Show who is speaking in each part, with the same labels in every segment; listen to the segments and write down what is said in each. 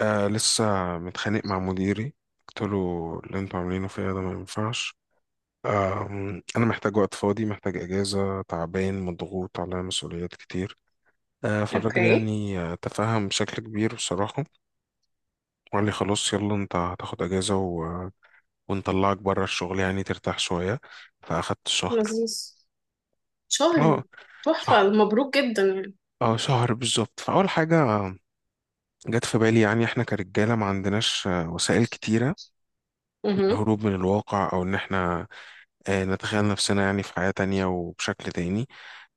Speaker 1: لسه متخانق مع مديري. قلت له اللي انتوا عاملينه فيا ده ما ينفعش. آه انا محتاج وقت فاضي، محتاج اجازه، تعبان مضغوط على مسؤوليات كتير. فالراجل
Speaker 2: اوكي.
Speaker 1: يعني تفهم بشكل كبير بصراحه، وقال لي خلاص يلا انت هتاخد اجازه ونطلعك بره الشغل يعني ترتاح شويه. فاخدت شهر،
Speaker 2: لذيذ. شهر.
Speaker 1: اه
Speaker 2: تحفة،
Speaker 1: شهر،
Speaker 2: مبروك جدا يعني.
Speaker 1: اه شهر بالظبط. فاول حاجه جت في بالي يعني احنا كرجاله ما عندناش وسائل كتيره
Speaker 2: اها.
Speaker 1: للهروب من الواقع، او ان احنا نتخيل نفسنا يعني في حياة تانية وبشكل تاني.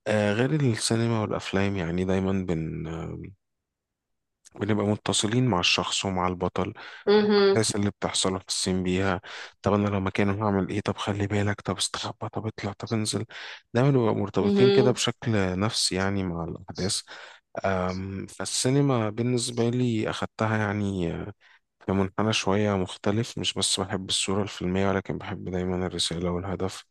Speaker 1: غير السينما والأفلام يعني دايما بن... آه، بنبقى متصلين مع الشخص ومع البطل،
Speaker 2: اها.
Speaker 1: الأحداث اللي بتحصل وحاسين بيها. طب أنا لو مكانه هعمل إيه، طب خلي بالك، طب استخبى، طب اطلع، طب انزل. دايما بنبقى مرتبطين كده
Speaker 2: اها.
Speaker 1: بشكل نفسي يعني مع الأحداث. فالسينما بالنسبة لي أخدتها يعني في منحنى شوية مختلف. مش بس بحب الصورة الفيلمية ولكن بحب دايما الرسالة والهدف،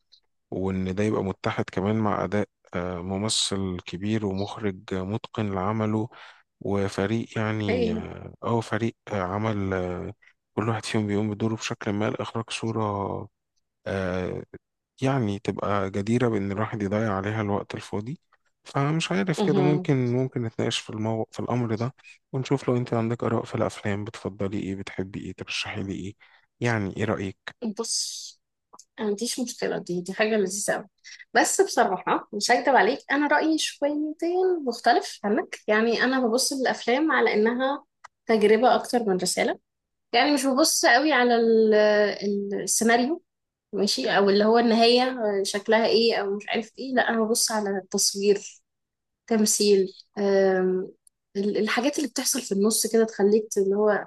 Speaker 1: وإن ده يبقى متحد كمان مع أداء ممثل كبير ومخرج متقن لعمله، وفريق يعني
Speaker 2: اوكي.
Speaker 1: اه، أو فريق عمل، كل واحد فيهم بيقوم بدوره بشكل ما لإخراج صورة آه، يعني تبقى جديرة بإن الواحد يضيع عليها الوقت الفاضي. فمش عارف كده
Speaker 2: اها.
Speaker 1: ممكن نتناقش في الأمر ده، ونشوف لو أنت عندك آراء في الأفلام. بتفضلي إيه، بتحبي إيه، ترشحي لي إيه، يعني إيه رأيك؟
Speaker 2: بص، أنا ما عنديش مشكلة، دي حاجة لذيذة أوي. بس بصراحة مش هكدب عليك، أنا رأيي شويتين مختلف عنك. يعني أنا ببص للأفلام على إنها تجربة أكتر من رسالة. يعني مش ببص قوي على السيناريو ماشي، أو اللي هو النهاية شكلها إيه أو مش عارف إيه. لا، أنا ببص على التصوير، تمثيل، الحاجات اللي بتحصل في النص كده تخليك اللي هو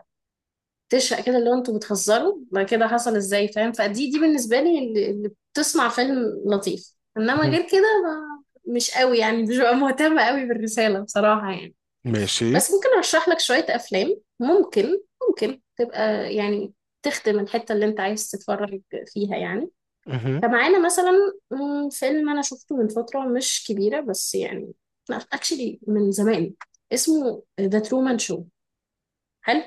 Speaker 2: تشقى كده، اللي هو انتوا بتهزروا ما كده، حصل ازاي، فاهم. فدي بالنسبة لي اللي بتصنع فيلم لطيف، انما
Speaker 1: مهم.
Speaker 2: غير كده ما مش قوي يعني، مش ببقى مهتمة قوي بالرسالة بصراحة يعني.
Speaker 1: ماشي.
Speaker 2: بس ممكن ارشح لك شوية افلام ممكن تبقى يعني تخدم الحتة اللي انت عايز تتفرج فيها يعني.
Speaker 1: مهم.
Speaker 2: فمعانا مثلا، فيلم انا شفته من فتره مش كبيره بس يعني لا اكشلي من زمان، اسمه ذا ترومان شو. حلو.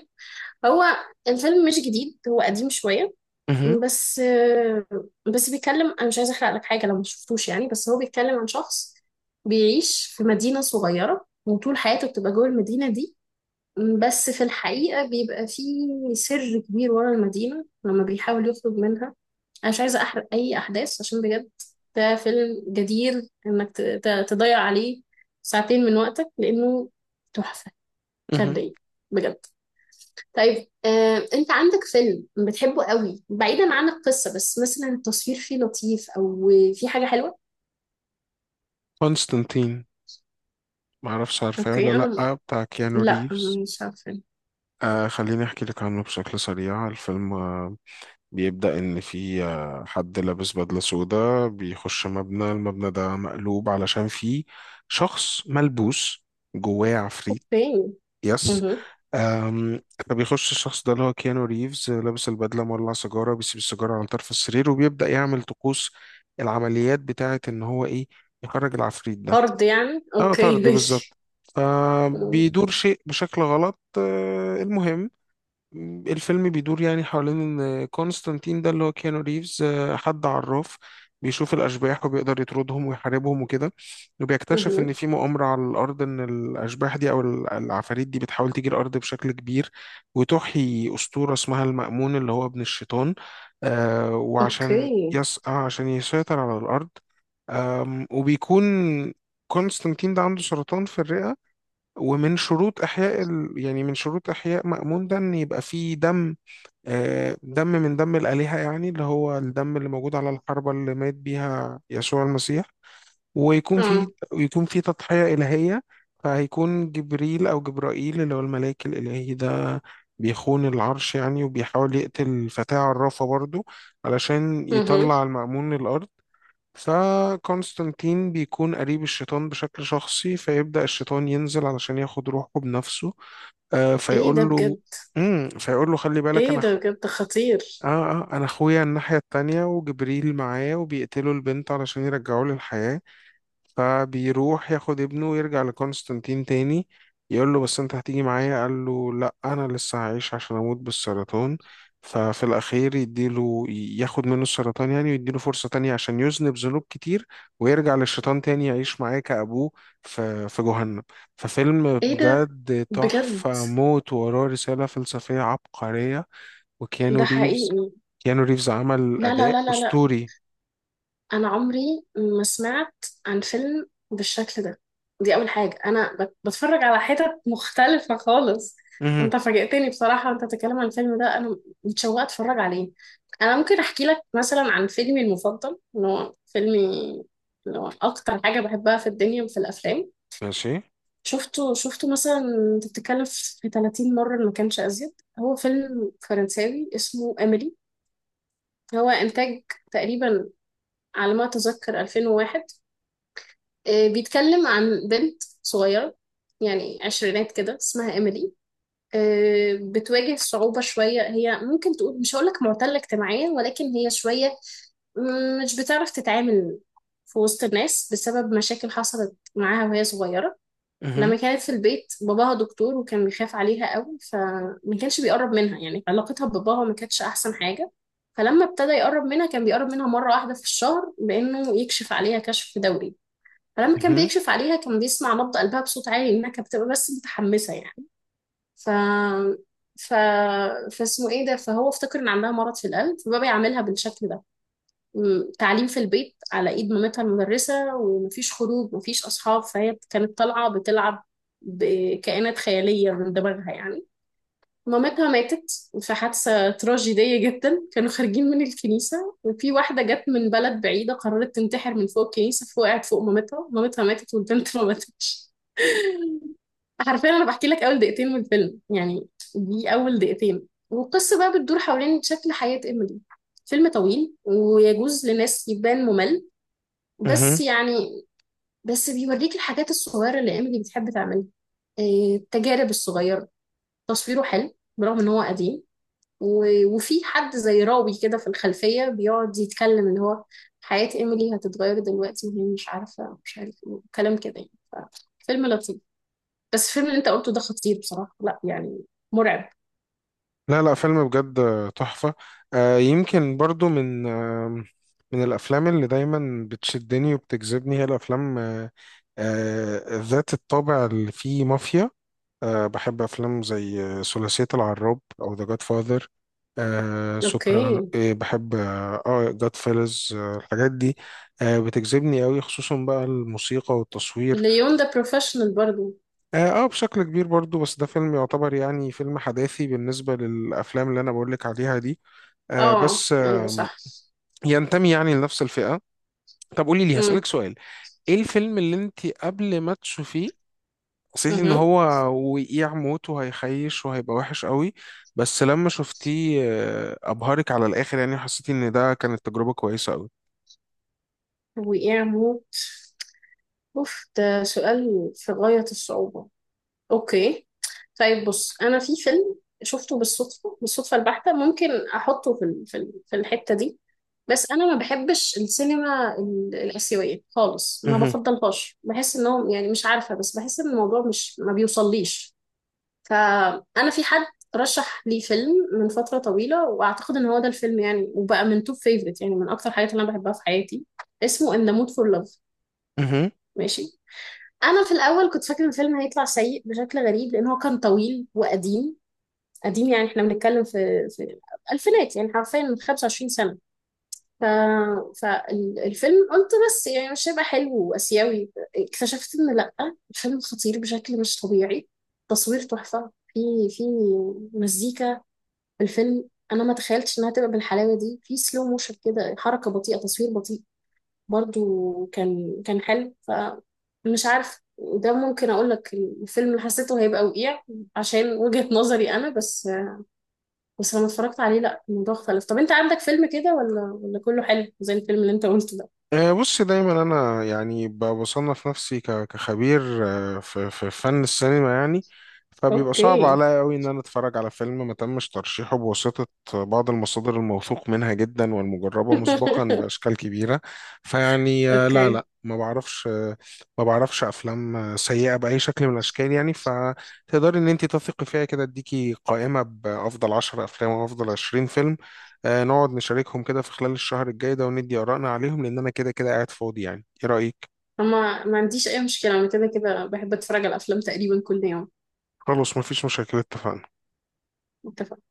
Speaker 2: هو الفيلم مش جديد، هو قديم شويه،
Speaker 1: مهم.
Speaker 2: بس بس بيتكلم، انا مش عايزه احرق لك حاجه لو ما شفتوش يعني، بس هو بيتكلم عن شخص بيعيش في مدينه صغيره وطول حياته بتبقى جوه المدينه دي، بس في الحقيقه بيبقى فيه سر كبير ورا المدينه لما بيحاول يخرج منها. انا مش عايزه احرق اي احداث عشان بجد ده فيلم جدير انك تضيع عليه ساعتين من وقتك، لانه تحفه
Speaker 1: مهم.
Speaker 2: فرديه بجد. طيب، انت عندك فيلم بتحبه قوي بعيدا عن القصه، بس مثلا التصوير فيه لطيف او فيه حاجه حلوه؟
Speaker 1: كونستانتين، معرفش عارفاه
Speaker 2: اوكي،
Speaker 1: ولا لأ، بتاع كيانو
Speaker 2: لا،
Speaker 1: ريفز.
Speaker 2: مش عارفه.
Speaker 1: خليني أحكي لك عنه بشكل سريع. الفيلم بيبدأ إن في حد لابس بدلة سودا بيخش مبنى. المبنى ده مقلوب علشان فيه شخص ملبوس، جواه عفريت.
Speaker 2: اوكي.
Speaker 1: يس.
Speaker 2: مه.
Speaker 1: أم، فبيخش الشخص ده اللي هو كيانو ريفز لابس البدلة، مولع سيجارة، بيسيب السيجارة على طرف السرير وبيبدأ يعمل طقوس العمليات بتاعة إن هو إيه، يخرج العفريت ده.
Speaker 2: فرد يعني،
Speaker 1: اه
Speaker 2: اوكي
Speaker 1: طرد
Speaker 2: ماشي.
Speaker 1: بالظبط.
Speaker 2: مه.
Speaker 1: فبيدور شيء بشكل غلط. المهم الفيلم بيدور يعني حوالين ان كونستانتين ده اللي هو كيانو ريفز حد عراف، بيشوف الاشباح وبيقدر يطردهم ويحاربهم وكده. وبيكتشف
Speaker 2: مه.
Speaker 1: ان في مؤامره على الارض، ان الاشباح دي او العفاريت دي بتحاول تيجي الارض بشكل كبير، وتحيي اسطوره اسمها المأمون اللي هو ابن الشيطان، وعشان
Speaker 2: اوكي.
Speaker 1: يس... آه، عشان يسيطر على الارض. وبيكون كونستانتين ده عنده سرطان في الرئة. ومن شروط إحياء ال... يعني من شروط إحياء مأمون ده إن يبقى فيه دم، دم من دم الآلهة يعني، اللي هو الدم اللي موجود على الحربة اللي مات بيها يسوع المسيح، ويكون
Speaker 2: اه.
Speaker 1: فيه ويكون فيه تضحية إلهية. فهيكون جبريل أو جبرائيل اللي هو الملاك الإلهي ده بيخون العرش يعني، وبيحاول يقتل فتاة عرافة برضو علشان
Speaker 2: مه.
Speaker 1: يطلع المأمون للأرض. فكونستانتين بيكون قريب الشيطان بشكل شخصي، فيبدأ الشيطان ينزل علشان ياخد روحه بنفسه.
Speaker 2: ايه ده
Speaker 1: فيقول له،
Speaker 2: بجد.
Speaker 1: فيقول له خلي بالك
Speaker 2: ايه
Speaker 1: انا
Speaker 2: ده بجد خطير.
Speaker 1: اه انا اخويا الناحية التانية، وجبريل معايا وبيقتلوا البنت علشان يرجعوه للحياة. فبيروح ياخد ابنه ويرجع لكونستانتين تاني، يقول له بس انت هتيجي معايا. قال له لا انا لسه هعيش عشان اموت بالسرطان. ففي الاخير يديله، ياخد منه السرطان يعني، ويديله فرصة تانية عشان يذنب ذنوب كتير ويرجع للشيطان تاني يعيش معاه كأبوه في جهنم. ففيلم
Speaker 2: ايه ده
Speaker 1: بجد
Speaker 2: بجد،
Speaker 1: تحفة موت، وراه رسالة فلسفية عبقرية. وكيانو
Speaker 2: ده
Speaker 1: ريفز
Speaker 2: حقيقي؟
Speaker 1: كيانو ريفز عمل
Speaker 2: لا لا
Speaker 1: أداء
Speaker 2: لا لا لا
Speaker 1: أسطوري.
Speaker 2: انا عمري ما سمعت عن فيلم بالشكل ده. دي اول حاجه، بتفرج على حتت مختلفه خالص.
Speaker 1: مهم.
Speaker 2: انت فاجئتني بصراحه، انت بتتكلم عن الفيلم ده انا متشوقه اتفرج عليه. انا ممكن احكي لك مثلا عن فيلمي المفضل، اللي هو فيلمي اللي هو اكتر حاجه بحبها في الدنيا وفي الافلام.
Speaker 1: ماشي.
Speaker 2: شفته مثلا، انت بتتكلم، في 30 مره إن ما كانش ازيد. هو فيلم فرنساوي اسمه، هو إنتاج تقريبا على ما أتذكر 2001. آه، بيتكلم عن بنت صغيرة يعني عشرينات كده اسمها إيميلي. آه، بتواجه صعوبة شوية، هي ممكن تقول مش هقولك معتلة اجتماعيا، ولكن هي شوية مش بتعرف تتعامل في وسط الناس بسبب مشاكل حصلت معاها وهي صغيرة.
Speaker 1: مهم.
Speaker 2: لما كانت في البيت، باباها دكتور وكان بيخاف عليها قوي فما كانش بيقرب منها، يعني علاقتها بباباها ما كانتش احسن حاجة. فلما ابتدى يقرب منها كان بيقرب منها مرة واحدة في الشهر، بانه يكشف عليها كشف دوري. فلما كان
Speaker 1: مهم.
Speaker 2: بيكشف عليها كان بيسمع نبض قلبها بصوت عالي لانها كانت بتبقى بس متحمسة يعني. ف ف فاسمه ايه ده، فهو افتكر ان عندها مرض في القلب فبقى بيعاملها بالشكل ده. تعليم في البيت على ايد مامتها المدرسة، ومفيش خروج، مفيش اصحاب. فهي كانت طالعة بتلعب بكائنات خيالية من دماغها يعني. مامتها ماتت في حادثة تراجيدية جدا، كانوا خارجين من الكنيسة وفي واحدة جت من بلد بعيدة قررت تنتحر من فوق الكنيسة فوقعت فوق مامتها، مامتها ماتت والبنت ما ماتتش. حرفيا أنا بحكي لك أول دقيقتين من الفيلم يعني. دي أول دقيقتين، والقصة بقى بتدور حوالين شكل حياة إيميلي. فيلم طويل ويجوز لناس يبان ممل بس
Speaker 1: مهم.
Speaker 2: يعني بس بيوريك الحاجات الصغيرة اللي إيميلي بتحب تعملها، إيه، التجارب الصغيرة. تصويره حلو برغم إن هو قديم، وفي حد زي راوي كده في الخلفية بيقعد يتكلم، اللي هو حياة إيميلي هتتغير دلوقتي وهي مش عارفة، مش عارف إيه، كلام كده يعني. فيلم لطيف. بس الفيلم اللي أنت قلته ده خطير بصراحة، لا يعني مرعب.
Speaker 1: لا لا، فيلم بجد تحفة. يمكن برضو من من الأفلام اللي دايما بتشدني وبتجذبني هي الأفلام ذات الطابع اللي فيه مافيا. بحب أفلام زي ثلاثية العراب أو ذا جاد فاذر، سوبرانو،
Speaker 2: أوكي.
Speaker 1: بحب اه جاد فيلز، الحاجات دي بتجذبني قوي، خصوصا بقى الموسيقى والتصوير.
Speaker 2: ليون ده بروفيشنال برضو.
Speaker 1: اه بشكل كبير برضو، بس ده فيلم يعتبر يعني فيلم حداثي بالنسبة للأفلام اللي أنا بقولك عليها دي، آه،
Speaker 2: آه
Speaker 1: بس
Speaker 2: أيوه
Speaker 1: آه،
Speaker 2: صح.
Speaker 1: ينتمي يعني لنفس الفئة. طب قولي لي، هسألك
Speaker 2: امم.
Speaker 1: سؤال، ايه الفيلم اللي انت قبل ما تشوفيه حسيتي ان
Speaker 2: امم.
Speaker 1: هو وقيع موت وهيخيش وهيبقى وحش قوي، بس لما شفتيه ابهرك على الاخر يعني، حسيتي ان ده كانت تجربة كويسة قوي؟
Speaker 2: وإعمو، أوف ده سؤال في غاية الصعوبة. أوكي، طيب بص، أنا في فيلم شفته بالصدفة، بالصدفة البحتة، ممكن أحطه في الحتة دي. بس انا ما بحبش السينما الاسيويه خالص، ما
Speaker 1: مهم.
Speaker 2: بفضلهاش، بحس انهم يعني مش عارفه، بس بحس ان الموضوع مش ما بيوصليش. فانا في حد رشح لي فيلم من فتره طويله، واعتقد ان هو ده الفيلم يعني، وبقى من توب فيفرت يعني من اكتر حاجات اللي انا بحبها في حياتي. اسمه ان ذا مود فور لاف.
Speaker 1: مهم.
Speaker 2: ماشي. انا في الاول كنت فاكره ان الفيلم هيطلع سيء بشكل غريب لان هو كان طويل وقديم، قديم يعني احنا بنتكلم في الالفينات يعني حرفيا من 25 سنه. ف... فالفيلم قلت بس يعني مش هيبقى حلو وآسيوي. اكتشفت إن لأ، الفيلم خطير بشكل مش طبيعي. تصوير تحفة، في مزيكا في الفيلم، أنا ما تخيلتش إنها تبقى بالحلاوة دي. في سلو موشن كده، حركة بطيئة، تصوير بطيء برضو، كان حلو. فمش عارف، ده ممكن أقول لك الفيلم اللي حسيته هيبقى وقيع عشان وجهة نظري أنا بس، بس لما اتفرجت عليه لأ، الموضوع اختلف. طب أنت عندك فيلم كده، ولا كله حلو زي الفيلم اللي أنت قلته ده؟
Speaker 1: بص دايما انا يعني بصنف نفسي كخبير في فن السينما يعني، فبيبقى صعب
Speaker 2: اوكي
Speaker 1: عليا قوي ان انا اتفرج على فيلم ما تمش ترشيحه بواسطة بعض المصادر الموثوق منها جدا والمجربة مسبقا باشكال كبيرة. فيعني لا
Speaker 2: اوكي.
Speaker 1: لا، ما بعرفش ما بعرفش افلام سيئة باي شكل من الاشكال يعني، فتقدري ان انت تثقي فيها. كده اديكي قائمة بافضل 10 افلام وافضل 20 فيلم، نقعد نشاركهم كده في خلال الشهر الجاي ده، وندي آرائنا عليهم، لأن أنا كده كده قاعد فاضي، يعني إيه رأيك؟
Speaker 2: اما ما عنديش اي مشكله، انا كده كده بحب اتفرج على افلام تقريبا كل يوم.
Speaker 1: خلاص مفيش مشاكل، اتفقنا.
Speaker 2: اتفق.